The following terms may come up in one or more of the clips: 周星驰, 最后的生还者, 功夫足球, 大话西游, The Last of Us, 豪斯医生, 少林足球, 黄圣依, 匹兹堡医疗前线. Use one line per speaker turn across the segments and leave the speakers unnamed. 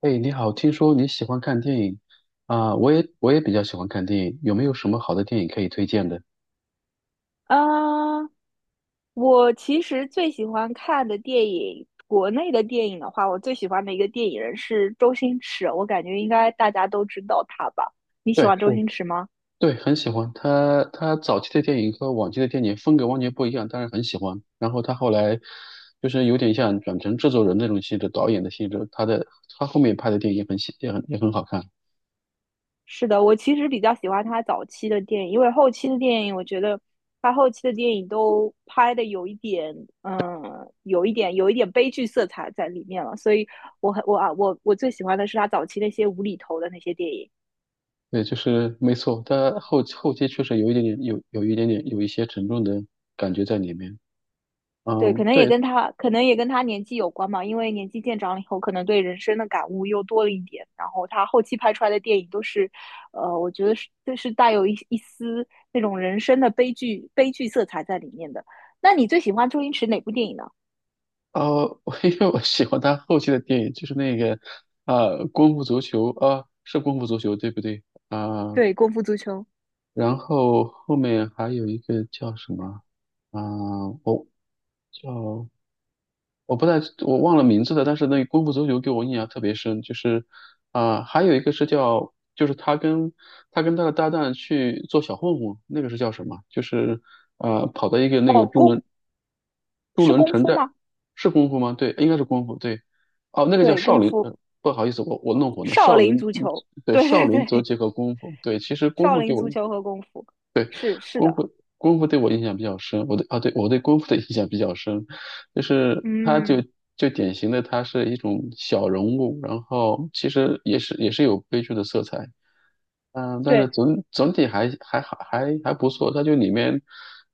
哎，你好，听说你喜欢看电影。我也比较喜欢看电影，有没有什么好的电影可以推荐的？
啊，我其实最喜欢看的电影，国内的电影的话，我最喜欢的一个电影人是周星驰，我感觉应该大家都知道他吧？你喜
对，
欢周
是。
星驰吗？
对，很喜欢。他早期的电影和往期的电影风格完全不一样，但是很喜欢。然后他后来就是有点像转成制作人那种性质，导演的性质。他后面拍的电影也很喜也很也很好看。
是的，我其实比较喜欢他早期的电影，因为后期的电影，我觉得他后期的电影都拍的有一点，嗯，悲剧色彩在里面了，所以我很我啊我我最喜欢的是他早期那些无厘头的那些电影。
对，就是没错，他后期确实有一些沉重的感觉在里面。
对，
嗯，
可能也
对。
跟他，可能也跟他年纪有关嘛，因为年纪渐长了以后，可能对人生的感悟又多了一点。然后他后期拍出来的电影都是，我觉得是都是带有一丝那种人生的悲剧色彩在里面的。那你最喜欢周星驰哪部电影呢？
哦，我因为我喜欢他后期的电影，就是那个功夫足球》啊，是《功夫足球》对不对？啊，
对，《功夫足球》。
然后后面还有一个叫什么？啊，我叫我不太我忘了名字了，但是那个《功夫足球》给我印象特别深，就是还有一个是叫，就是他跟他的搭档去做小混混，那个是叫什么？就是跑到一个那个
哦，
渡
是
轮
功
城
夫
寨
吗？
是功夫吗？对，应该是功夫。对。哦，那个叫
对，
少
功
林。
夫，
不好意思，我弄混了。
少
少
林
林，
足
嗯。
球。
对，少
对
林
对
则
对，
结合功夫。对，其实功
少
夫给
林足
我。
球和功夫，是是
功
的，
夫功夫对我印象比较深，我对功夫的印象比较深，就是他就
嗯，
就典型的他是一种小人物，然后其实也是有悲剧的色彩。嗯，但是
对。
总体还好还不错。他就里面，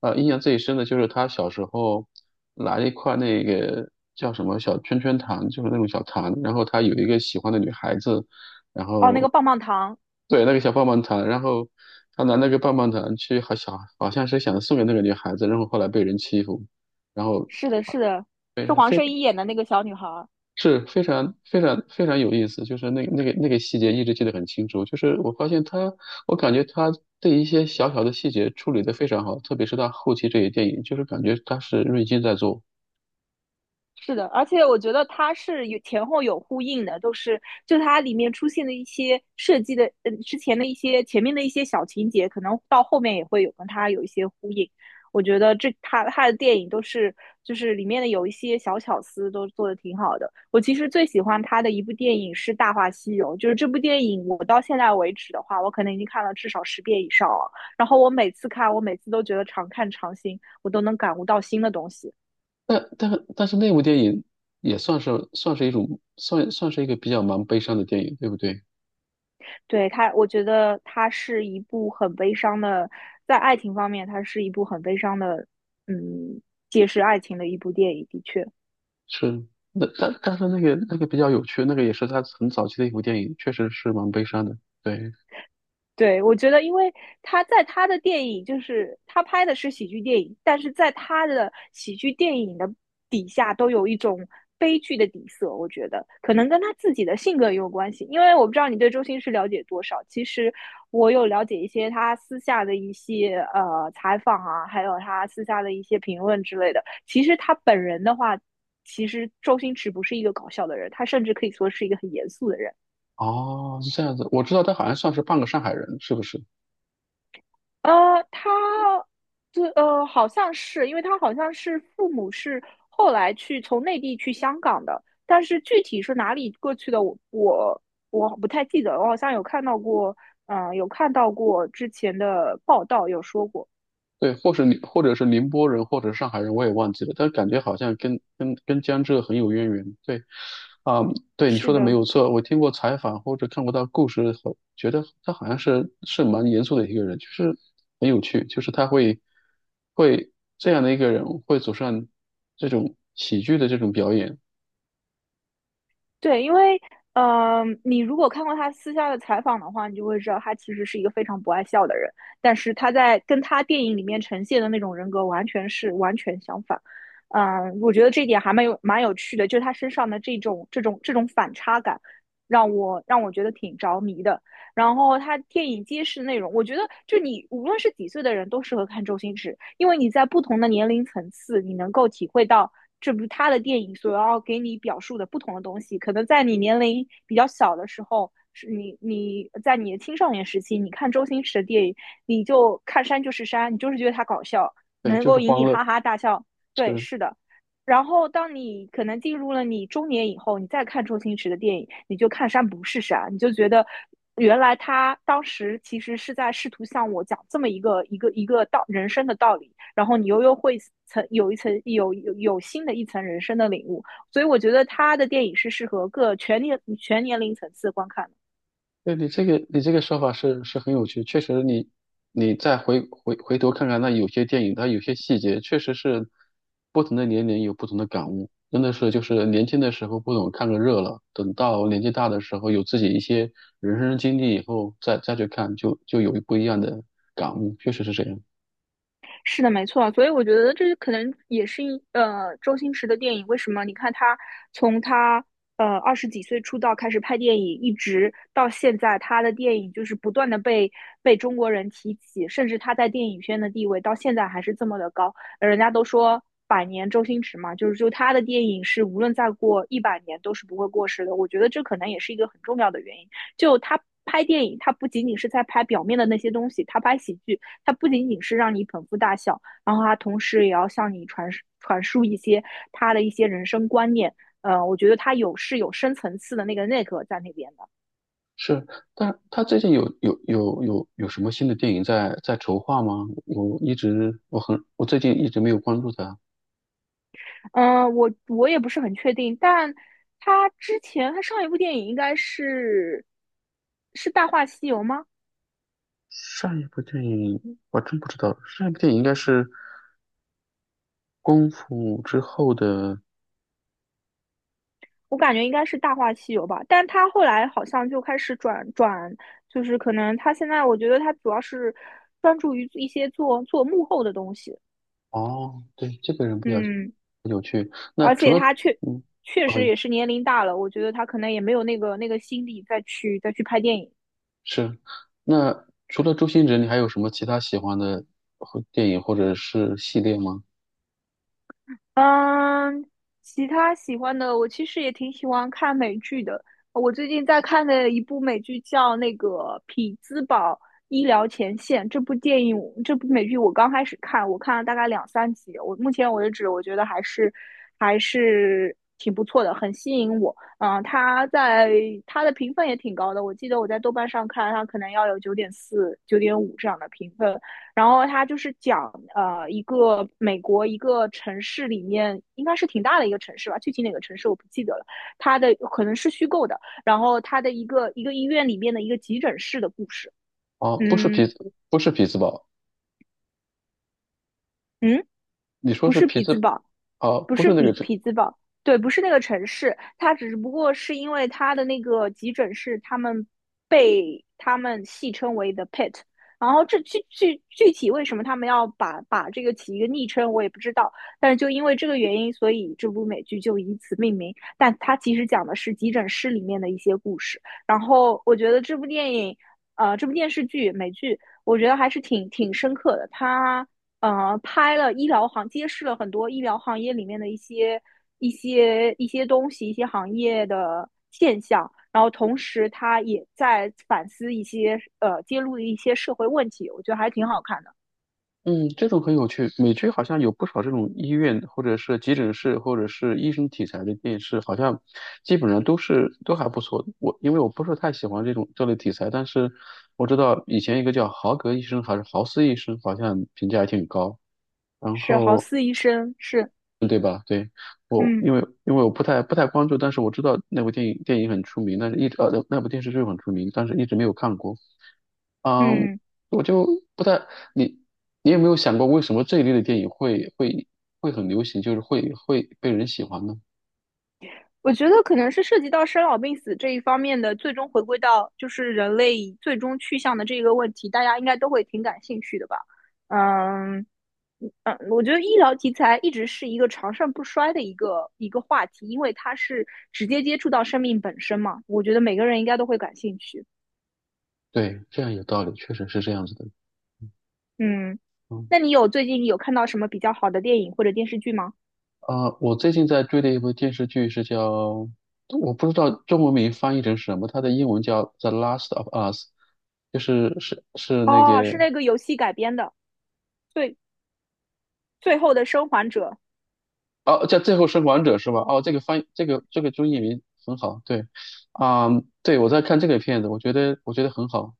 印象最深的就是他小时候拿一块那个叫什么小圈圈糖，就是那种小糖，然后他有一个喜欢的女孩子。然
哦，那
后
个棒棒糖。
对，那个小棒棒糖，然后他拿那个棒棒糖去，好像是想送给那个女孩子，然后后来被人欺负。然后
是的，是的，是
对，
黄
非
圣依演的那个小女孩儿。
是非常非常非常有意思，就是那个细节一直记得很清楚，就是我发现他，我感觉他对一些小小的细节处理得非常好，特别是他后期这些电影，就是感觉他是瑞金在做。
是的，而且我觉得它是有前后有呼应的，都是就它里面出现的一些设计的，嗯，之前的一些前面的一些小情节，可能到后面也会有跟它有一些呼应。我觉得他的电影都是就是里面的有一些小巧思都做的挺好的。我其实最喜欢他的一部电影是《大话西游》，就是这部电影我到现在为止的话，我可能已经看了至少10遍以上了。然后我每次都觉得常看常新，我都能感悟到新的东西。
但但但是那部电影也算是算是一种算算是一个比较蛮悲伤的电影，对不对？
对，它，我觉得它是一部很悲伤的，在爱情方面，它是一部很悲伤的，嗯，揭示爱情的一部电影，的确。
是。那但是那个那个比较有趣，那个也是他很早期的一部电影，确实是蛮悲伤的。对。
对，我觉得，因为他在他的电影，就是他拍的是喜剧电影，但是在他的喜剧电影的底下都有一种悲剧的底色。我觉得可能跟他自己的性格也有关系，因为我不知道你对周星驰了解多少。其实我有了解一些他私下的一些采访啊，还有他私下的一些评论之类的。其实他本人的话，其实周星驰不是一个搞笑的人，他甚至可以说是一个很严肃的人。
哦，是这样子，我知道他好像算是半个上海人，是不是？
他，好像是，因为他好像是父母是后来从内地去香港的，但是具体是哪里过去的，我不太记得了，我好像有看到过，有看到过之前的报道有说过，
对，或者是宁波人，或者是上海人，我也忘记了，但感觉好像跟江浙很有渊源。对。啊、对你
是
说的没
的。
有错，我听过采访或者看过他故事后，觉得他好像是蛮严肃的一个人，就是很有趣，就是他会会这样的一个人会走上这种喜剧的这种表演。
对，因为你如果看过他私下的采访的话，你就会知道他其实是一个非常不爱笑的人，但是他在跟他电影里面呈现的那种人格完全相反。我觉得这一点还蛮有趣的，就是他身上的这种反差感，让我觉得挺着迷的。然后他电影揭示内容，我觉得就你无论是几岁的人都适合看周星驰，因为你在不同的年龄层次，你能够体会到这部他的电影所要给你表述的不同的东西。可能在你年龄比较小的时候，是你你在你的青少年时期，你看周星驰的电影，你就看山就是山，你就是觉得他搞笑，
对，
能
就是
够引
欢
你
乐，
哈哈大笑。对，
是。
是的。然后，当你可能进入了你中年以后，你再看周星驰的电影，你就看山不是山，你就觉得原来他当时其实是在试图向我讲这么一个人生的道理，然后你又会层有一层有有有新的一层人生的领悟，所以我觉得他的电影是适合各全年全年龄层次观看的。
你这个说法是很有趣，确实你你再回头看看那有些电影，它有些细节确实是不同的年龄有不同的感悟，真的是就是年轻的时候不懂看个热闹，等到年纪大的时候有自己一些人生经历以后再去看就有不一样的感悟，确实是这样。
是的，没错，所以我觉得这可能也是周星驰的电影。为什么？你看他从他20几岁出道开始拍电影，一直到现在，他的电影就是不断的被中国人提起，甚至他在电影圈的地位到现在还是这么的高。人家都说百年周星驰嘛，就他的电影是无论再过100年都是不会过时的。我觉得这可能也是一个很重要的原因。就他拍电影，他不仅仅是在拍表面的那些东西，他拍喜剧。它不仅仅是让你捧腹大笑，然后它同时也要向你传输一些他的一些人生观念。我觉得它是有深层次的那个内核在那边的。
是。但是他最近有什么新的电影在筹划吗？我最近一直没有关注他。
我也不是很确定，但他之前他上一部电影应该是《大话西游》吗？
上一部电影我真不知道，上一部电影应该是《功夫》之后的。
我感觉应该是《大话西游》吧，但他后来好像就开始转转，就是可能他现在我觉得他主要是专注于一些做做幕后的东西。
哦，对，这个人比较
嗯，
有趣。那
而
除
且
了
他确
嗯。
确实
哦，
也是年龄大了，我觉得他可能也没有那个心力再去拍电影。
是。那除了周星驰，你还有什么其他喜欢的或电影或者是系列吗？
嗯，其他喜欢的，我其实也挺喜欢看美剧的。我最近在看的一部美剧叫那个《匹兹堡医疗前线》，这部电影，这部美剧我刚开始看，我看了大概两三集。我目前为止，我觉得还是挺不错的，很吸引我。嗯，它在它的评分也挺高的，我记得我在豆瓣上看，它可能要有9.4、9.5这样的评分。然后他就是讲一个美国一个城市里面应该是挺大的一个城市吧，具体哪个城市我不记得了。它的可能是虚构的，然后他的一个医院里面的一个急诊室的故事。
哦，不是
嗯
匹兹，不是匹兹堡。
嗯，
你说
不
是
是
匹
匹兹
兹？
堡，
哦，
不
不
是
是那
匹
个
匹兹堡，对，不是那个城市，它只不过是因为它的那个急诊室，被他们戏称为 the pit。然后这具体为什么他们要把这个起一个昵称，我也不知道。但是就因为这个原因，所以这部美剧就以此命名。但它其实讲的是急诊室里面的一些故事。然后我觉得这部电影，这部电视剧美剧，我觉得还是挺深刻的。它呃，拍了医疗行，揭示了很多医疗行业里面的一些东西，一些行业的现象。然后同时，他也在反思一些揭露的一些社会问题，我觉得还挺好看的。
嗯。这种很有趣。美剧好像有不少这种医院，或者是急诊室，或者是医生题材的电视，好像基本上都是都还不错。我因为我不喜欢这种这类题材，但是我知道以前一个叫豪格医生还是豪斯医生，好像评价还挺高。然
是豪
后
斯医生，是。
嗯，对吧？对。我
嗯
因为因为我不太不太关注，但是我知道那部电影电影很出名，但是一直那部电视剧很出名，但是一直没有看过。嗯，
嗯。
我就不太。你有没有想过为什么这一类的电影会很流行，就是会被人喜欢呢？
我觉得可能是涉及到生老病死这一方面的，最终回归到就是人类最终去向的这个问题，大家应该都会挺感兴趣的吧？嗯嗯，我觉得医疗题材一直是一个长盛不衰的一个话题，因为它是直接接触到生命本身嘛，我觉得每个人应该都会感兴趣。
对，这样有道理，确实是这样子的。
嗯，
嗯。
那你最近有看到什么比较好的电影或者电视剧吗？
啊、我最近在追的一部电视剧是叫，我不知道中文名翻译成什么，它的英文叫《The Last of Us》，就是是那
哦，是
个。
那个游戏改编的，最最后的生还者。
哦，叫《最后生还者》是吧？哦，这个翻译这个中译名很好。对。啊、对我在看这个片子，我觉得很好。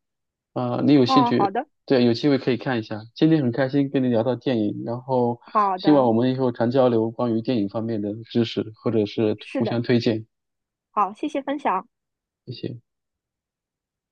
啊，你有兴
哦，好
趣？
的，
对，有机会可以看一下。今天很开心跟你聊到电影，然后
好
希望
的，
我们以后常交流关于电影方面的知识，或者是
是
互
的。
相推荐。
好，谢谢分享。
谢谢。